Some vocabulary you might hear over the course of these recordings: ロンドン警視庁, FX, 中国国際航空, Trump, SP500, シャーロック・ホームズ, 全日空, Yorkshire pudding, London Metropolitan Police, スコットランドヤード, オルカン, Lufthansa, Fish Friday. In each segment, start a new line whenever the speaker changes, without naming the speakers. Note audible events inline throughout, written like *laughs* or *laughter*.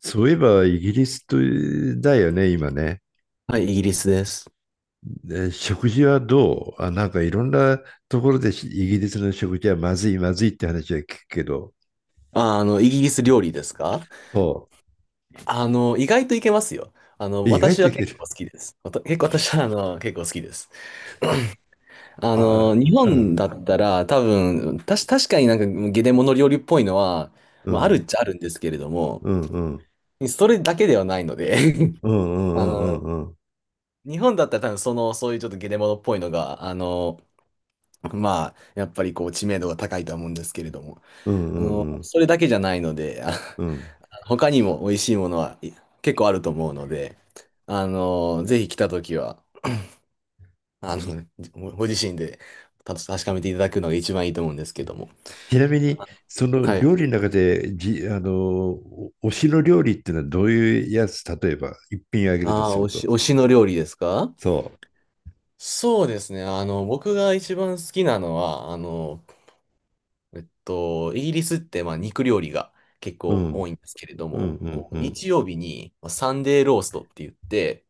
そういえば、イギリスとだよね、今ね。
はい、イギリスです。
で食事はどうあ、なんかいろんなところでしイギリスの食事はまずい、って話は聞くけど、
イギリス料理ですか？
そ
意外といけますよ。
う。意外
私
と
は
い
結
ける。
構好きです。わた結構私は、結構好きです。*clears throat*
あ、
日
う
本
ん、
だったら多分、確かになんかゲネモノ料理っぽいのは、
う
まあ、ある
ん、
っちゃあるんですけれども、
うん、うん、
それだけではないので、 *laughs*
うん、う
あ
ん、う
の、
ん、うん、
日本だったら多分その、そういうちょっとゲネモノっぽいのが、まあ、やっぱりこう知名度が高いとは思うんですけれども、
うん、うん、うん、
それだけじゃないので、*laughs* 他にも美味しいものは結構あると思うので、ぜひ来たときは、あの、ご自身で確かめていただくのが一番いいと思うんですけども。
ちなみに、
あ、
その
はい。
料理の中で、じ、あの、お推しの料理っていうのはどういうやつ、例えば、一品あげると
ああ、
すると。
推しの料理ですか？
そ
そうですね。僕が一番好きなのは、イギリスって、まあ、肉料理が結
う。う
構多い
ん、
んですけれど
うん、
も、
うん、
こ
う
う、
ん、
日曜日にまあサンデーローストって言って、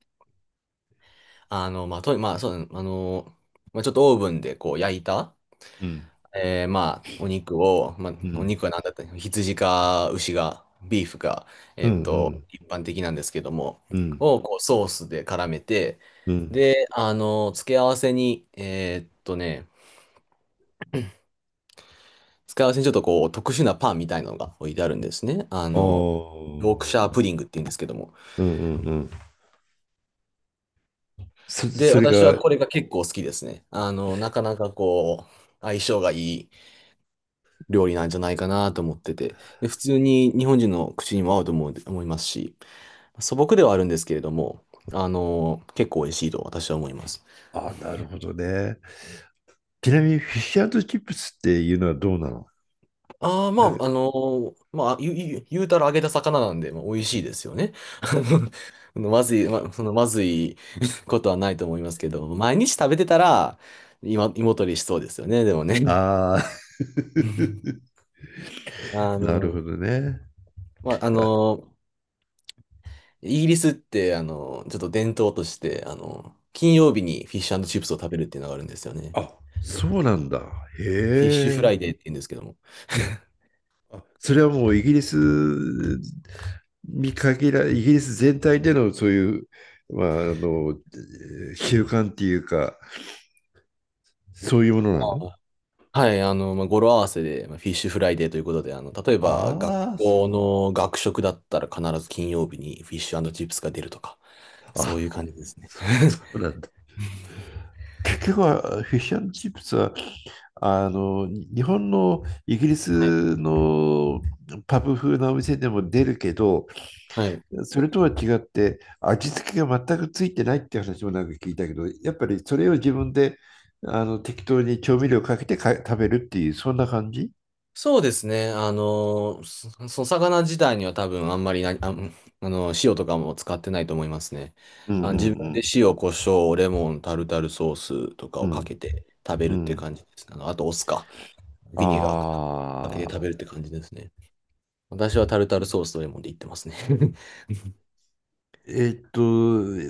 あの、まあ、と、まあ、そう、あの、まあ、ちょっとオーブンでこう焼いた、
うん、
まあ、お肉を、まあ、
う
お
ん、
肉は何だったの、羊か牛が、ビーフか、
うん、うん。
一般的なんですけども、
うん、
をこうソースで絡めて、
うん。
で、付け合わせに、付け合わせにちょっとこう、特殊なパンみたいなのが置いてあるんですね。
ああ、
ヨークシャープディングって言うんですけども。
うんうんうん。
で、
それ
私は
が、
これが結構好きですね。なかなかこう、相性がいい料理なんじゃないかなと思ってて、で、普通に日本人の口にも合うと思う、思いますし、素朴ではあるんですけれども、結構美味しいと私は思います。
ああ、なるほどね。ちなみに、フィッシュチップスっていうのはどうなの？
ああ、ま
なんか、
あ、あの、まあ、ゆゆ言うたら揚げた魚なんで、まあ、美味しいですよね。*laughs* まずい、ま、そのまずい *laughs* ことはないと思いますけど、毎日食べてたら、今、胃もたれしそうですよね、でもね。
ああ、
*laughs*
*laughs*
あ
なるほ
の、
どね。
まあ、あ
いや、
の、イギリスって、ちょっと伝統として、金曜日にフィッシュチップスを食べるっていうのがあるんですよね。
あ、そうなんだ。
フィッシュフ
へ
ラ
え。
イデーって言うんですけども。
あ、それはもうイギリスに限ら、イギリス全体でのそういう、まあ、習慣っていうか、そういうものなの？
はい、まあ、語呂合わせで、まあ、フィッシュフライデーということで、例えば、学
ああ、そ
校の学食だったら必ず金曜日にフィッシュチップスが出るとか、そういう感じですね。
そうなんだ。結局はフィッシュチップスはあの日本のイギリ
はい。
スのパブ風なお店でも出るけど、
はい。
それとは違って味付けが全くついてないって話もなんか聞いたけど、やっぱりそれを自分で適当に調味料かけて食べるっていうそんな感じ？
そうですね。その魚自体には多分あんまりな、あ、ん塩とかも使ってないと思いますね。
うんう
あ、自分で
ん
塩、胡椒、レモン、タルタルソースとか
う
を
んう
かけ
ん
て食べ
う
るって
ん
感じですね。あと、お酢か、ビネガーかけて食
ああー
べるって感じですね。私はタルタルソースとレモンでいってますね。
えーっと、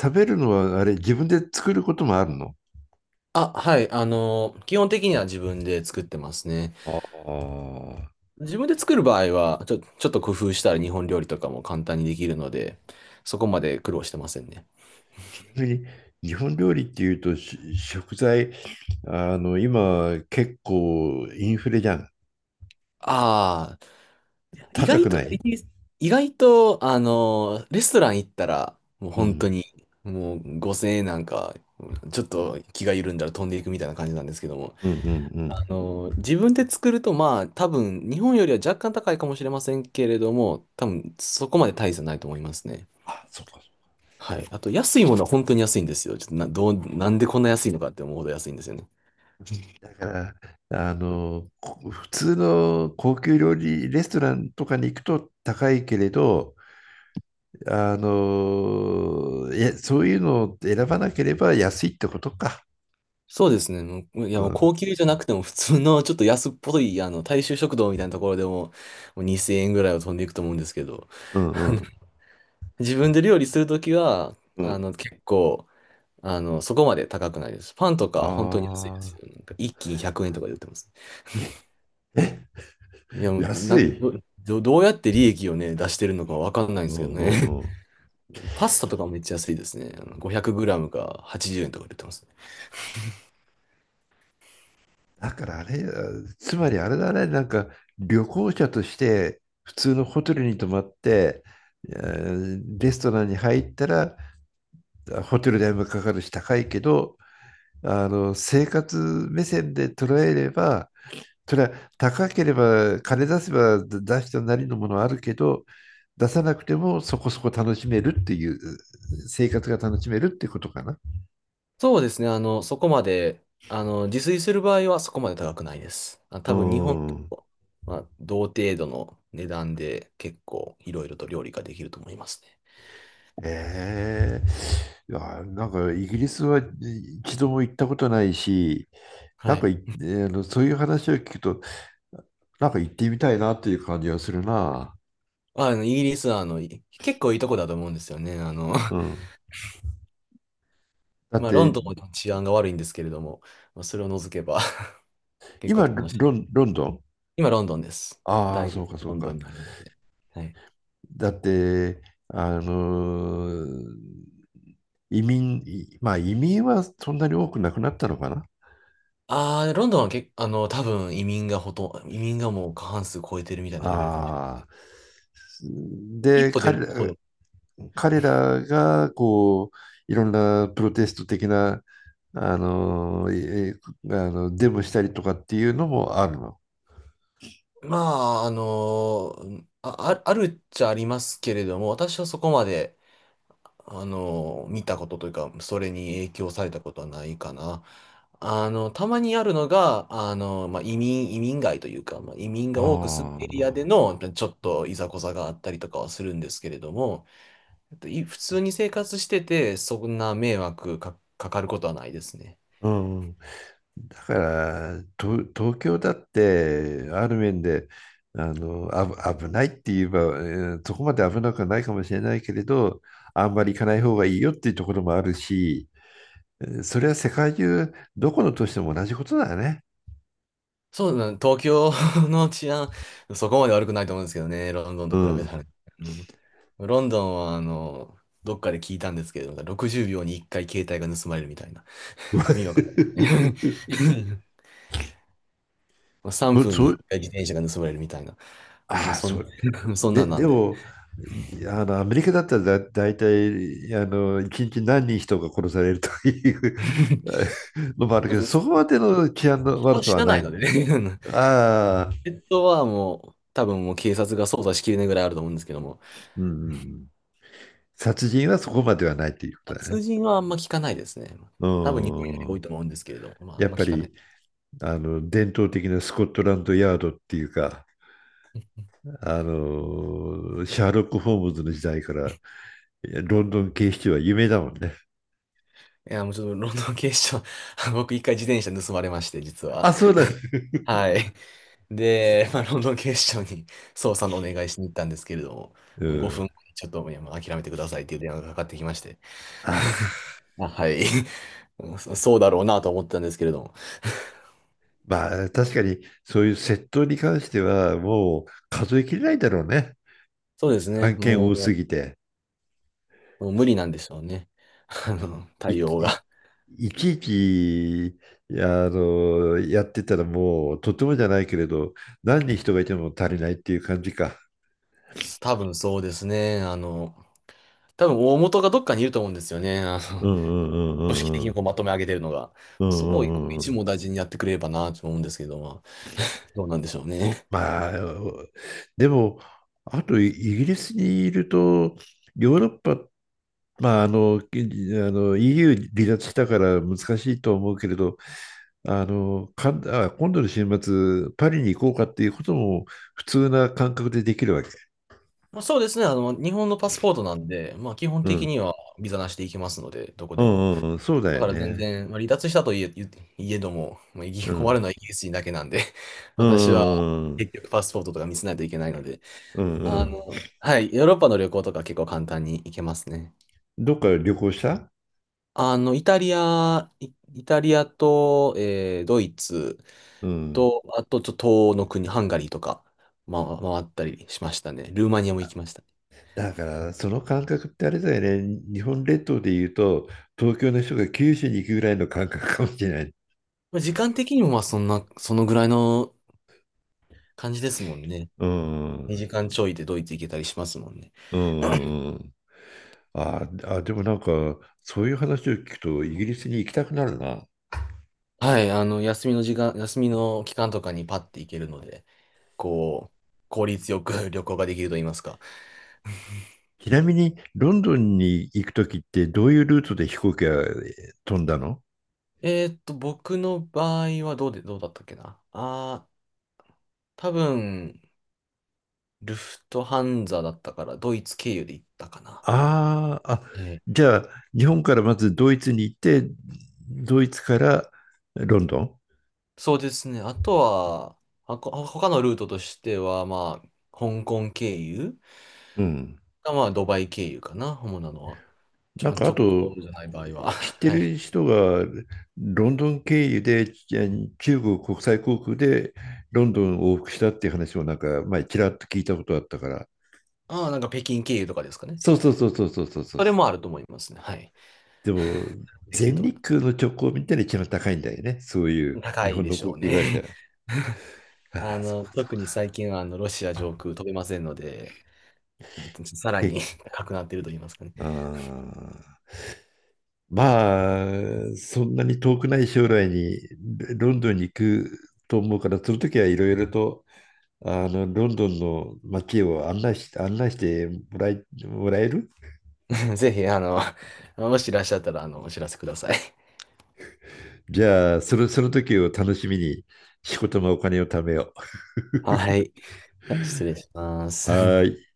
食べるのはあれ、自分で作ることもあるの？
あ、はい。基本的には自分で作ってますね。
ああ。
自分で作る場合は、ちょっと工夫したら日本料理とかも簡単にできるので、そこまで苦労してませんね。
ちなみに、日本料理っていうと食材、あの今結構インフレじゃん。
ああ、意
高
外
く
と、
な
イ
い？
ギリス意外と、レストラン行ったら、もう
う
本当
ん
に、もう5000円なんか、ちょっと気が緩んだら飛んでいくみたいな感じなんですけども、
うんうんうん。
自分で作ると、まあ、多分、日本よりは若干高いかもしれませんけれども、多分、そこまで大差ないと思いますね。
あ、そっか
はい。あと、安いものは本当に安いんですよ。ちょっとな、どう、なんでこんな安いのかって思うほど安いんですよね。
そっか。だから、あの、普通の高級料理レストランとかに行くと高いけれど、そういうのを選ばなければ安いってことか。
そうですね。
う
もう
ん
高級じゃなくても普通のちょっと安っぽい、大衆食堂みたいなところでも、もう2000円ぐらいは飛んでいくと思うんですけど、
う
あ
んう
の
ん
自分で料理するときは、
うん。
結構、そこまで高くないです。パンとか本当に安いです
ああ、
よ。なんか一斤100円とかで売ってます。いや、もう、な
安
ん、
い。
ど、どどうやって利益をね、出してるのかわかんないんで
う
すけど
んう
ね。
んうん。
*laughs* パスタとかもめっちゃ安いですね。あの 500g か80円とかで売ってます。
だからあれ、つまりあれだね、なんか旅行者として普通のホテルに泊まって、レストランに入ったら、ホテル代もかかるし高いけど、あの生活目線で捉えれば、それは、高ければ金出せば出したなりのものはあるけど、出さなくてもそこそこ楽しめるっていう、生活が楽しめるってことかな。
そうですね。そこまで、自炊する場合はそこまで高くないです。あ、
う
多分日本
ん。
と、まあ、同程度の値段で結構いろいろと料理ができると思いますね。
えいや、なんかイギリスは一度も行ったことないし、な
は
んか
い。
い、えーあのそういう話を聞くと、なんか行ってみたいなっていう感じがするな。
イギリスは結構いいとこだと思うんですよね。*laughs*
うん。だっ
まあ、ロン
て、
ドンも治安が悪いんですけれども、まあ、それを除けば、 *laughs* 結構
今
楽しい。
ロ、ン、ロンドン？
今、ロンドンです。
ああ、
大
そ
学
う
が
か、そ
ロ
う
ンドン
か。
にあるので。はい。
だって、あのー移民、まあ移民はそんなに多くなくなったのかな。
ああ、ロンドンはけ、あの、多分移民がほとんど、移民がもう過半数超えてるみたいなレベルかもしれな
ああ。
い。一
で、
歩出ると
彼らが、こう、いろんなプロテスト的な、あの、えあの、デモしたりとかっていうのもあるの？
まあ、あのあ、あるっちゃありますけれども、私はそこまで、見たことというか、それに影響されたことはないかな。たまにあるのが、まあ、移民街というか、まあ、移民が多く住んでるエリアで
あ
の、ちょっといざこざがあったりとかはするんですけれども、えっとい普通に生活してて、そんな迷惑か、かかることはないですね。
あ、うん、だから東京だってある面で、あのあぶ危ないって言えば、そこまで危なくはないかもしれないけれど、あんまり行かない方がいいよっていうところもあるし、えーそれは世界中どこの都市でも同じことだよね。
そうだね、東京 *laughs* の治安、そこまで悪くないと思うんですけどね、ロンドン
う
と比べたら
ん、
ね。うん、ロンドンは、どっかで聞いたんですけど、60秒に1回携帯が盗まれるみたいな。意味わかんない。
*laughs*
*laughs* 3
そ、
分に
そ
1回自転車が盗まれるみたいな。もう
ああ、
そん
そう。
な、*laughs* そんな
で、
んな
で
んで。
も、あの、アメリカだったら大体、あの、一日何人人が殺されるというあ
*laughs*
もある
ま
けど、*laughs*
ず
そこまでの治安の
人
悪
は
さ
死
は
な
な
な
い。
いのでね。*laughs*
ああ、
ペットはもう、多分警察が捜査しきれないぐらいあると思うんですけども、
うん。殺人はそこまではないっていうことだ
殺
ね。
人はあんま聞かないですね。
う
多分日本より多い
ん。
と思うんですけれども、まあ、あ
や
ん
っ
ま
ぱ
聞かない。
り、あの、伝統的なスコットランドヤードっていうか、あの、シャーロック・ホームズの時代から、ロンドン警視庁は有名だもんね。
いや、もうちょっとロンドン警視庁、 *laughs* 僕一回自転車盗まれまして、実は。
あ、そうだ。
はい。で、まあ、ロンドン警視庁に捜査のお願いしに行ったんですけれども、
う
もう5
ん。
分ちょっと、いや、もう諦めてくださいっていう電話がかかってきまして。
あ
*laughs*
あ。
あ、はい。*laughs* そうだろうなと思ったんですけれども。*laughs*
まあ、確かに、そういう窃盗に関しては、もう数えきれないだろうね。
そうですね。
案件多すぎて。
もう無理なんでしょうね。*laughs*
い、
対応
い、
が。
いちいち、あの、やってたらもう、とてもじゃないけれど、何人人がいても足りないっていう感じか。
多分そうですね。多分大元がどっかにいると思うんですよね。
うんうんうんう
*laughs* 組織的
んう
に
ん。
こうまとめ上げてるのが。
う
そ
ん
こを
うん
一
うん。
網大事にやってくれればなと思うんですけど、まあ、どうなんでしょうね。
まあ、でも、あとイギリスにいると、ヨーロッパ、まあ、あの、 EU 離脱したから難しいとは思うけれど、あの、かん、あ、今度の週末、パリに行こうかっていうことも普通な感覚でできるわけ？
まあ、そうですね。日本のパスポートなんで、まあ、基本
う
的
ん。
にはビザなしで行けますので、どこ
う
でも。
んうんうん、そうだ
だ
よ
から全
ね。
然、まあ、離脱したといえ、言いえども、まあ、
う
困
ん。
るのはイギリス人だけなんで、*laughs*
う
私は
んうんうん。
結局パスポートとか見せないといけないので、
うんうん。
はい、ヨーロッパの旅行とか結構簡単に行けますね。
どっか旅行した？
イタリアと、ドイツ
うん。
と、あと、ちょっと東欧の国、ハンガリーとか、ま、回ったりしましたね。ルーマニアも行きましたね。
だから、その感覚ってあれだよね。日本列島で言うと、東京の人が九州に行くぐらいの感覚かもしれない。
まあ、時間的にも、まあ、そんな、そのぐらいの感じですもんね。
うんうん
2時間ちょいでドイツ行けたりしますもんね。
うんうんうん。ああ、でもなんか、そういう話を聞くと、イギリスに行きたくなるな。
はい、休みの期間とかにパッて行けるので、こう、効率よく *laughs* 旅行ができると言いますか。*laughs*
ちなみに、ロンドンに行くときって、どういうルートで飛行機が飛んだの？
僕の場合はどうで、どうだったっけな。あー、多分、ルフトハンザだったから、ドイツ経由で行ったかな。
あーあ、
はい。
じゃあ、日本からまずドイツに行って、ドイツからロンドン？
そうですね。あとは、他のルートとしては、まあ、香港経由
うん。
か、まあ、ドバイ経由かな、主なのは。
なんか、あ
直
と、
行じゃない場合は。
知っ
*laughs*
て
は
る
い。
人がロンドン経由でち中国国際航空でロンドンを往復したっていう話をなんか前ちらっと聞いたことあったから。
ああ、なんか北京経由とかですかね。
そうそうそうそうそうそうそう。
それもあると思いますね。はい。
でも、
*laughs* できる
全
と思い
日
ま
空の直行便ってのは一番高いんだよね。そうい
す。
う
高
日
い
本
で
の
し
航
ょう
空会
ね。
社。
*laughs*
ああ、そうかそ
特
う
に
か。
最近はあのロシア上空飛べませんので、さら
け
に *laughs* 高くなっていると言いますかね。
あーまあ、そんなに遠くない将来にロンドンに行くと思うから、その時はいろいろとあのロンドンの街を案内してもらえる？
*laughs* ぜひ、もしいらっしゃったら、お知らせください。
じゃあ、その、その時を楽しみに仕事もお金を貯めよ
はい。じゃあ失礼しま
う。
す。
はーい。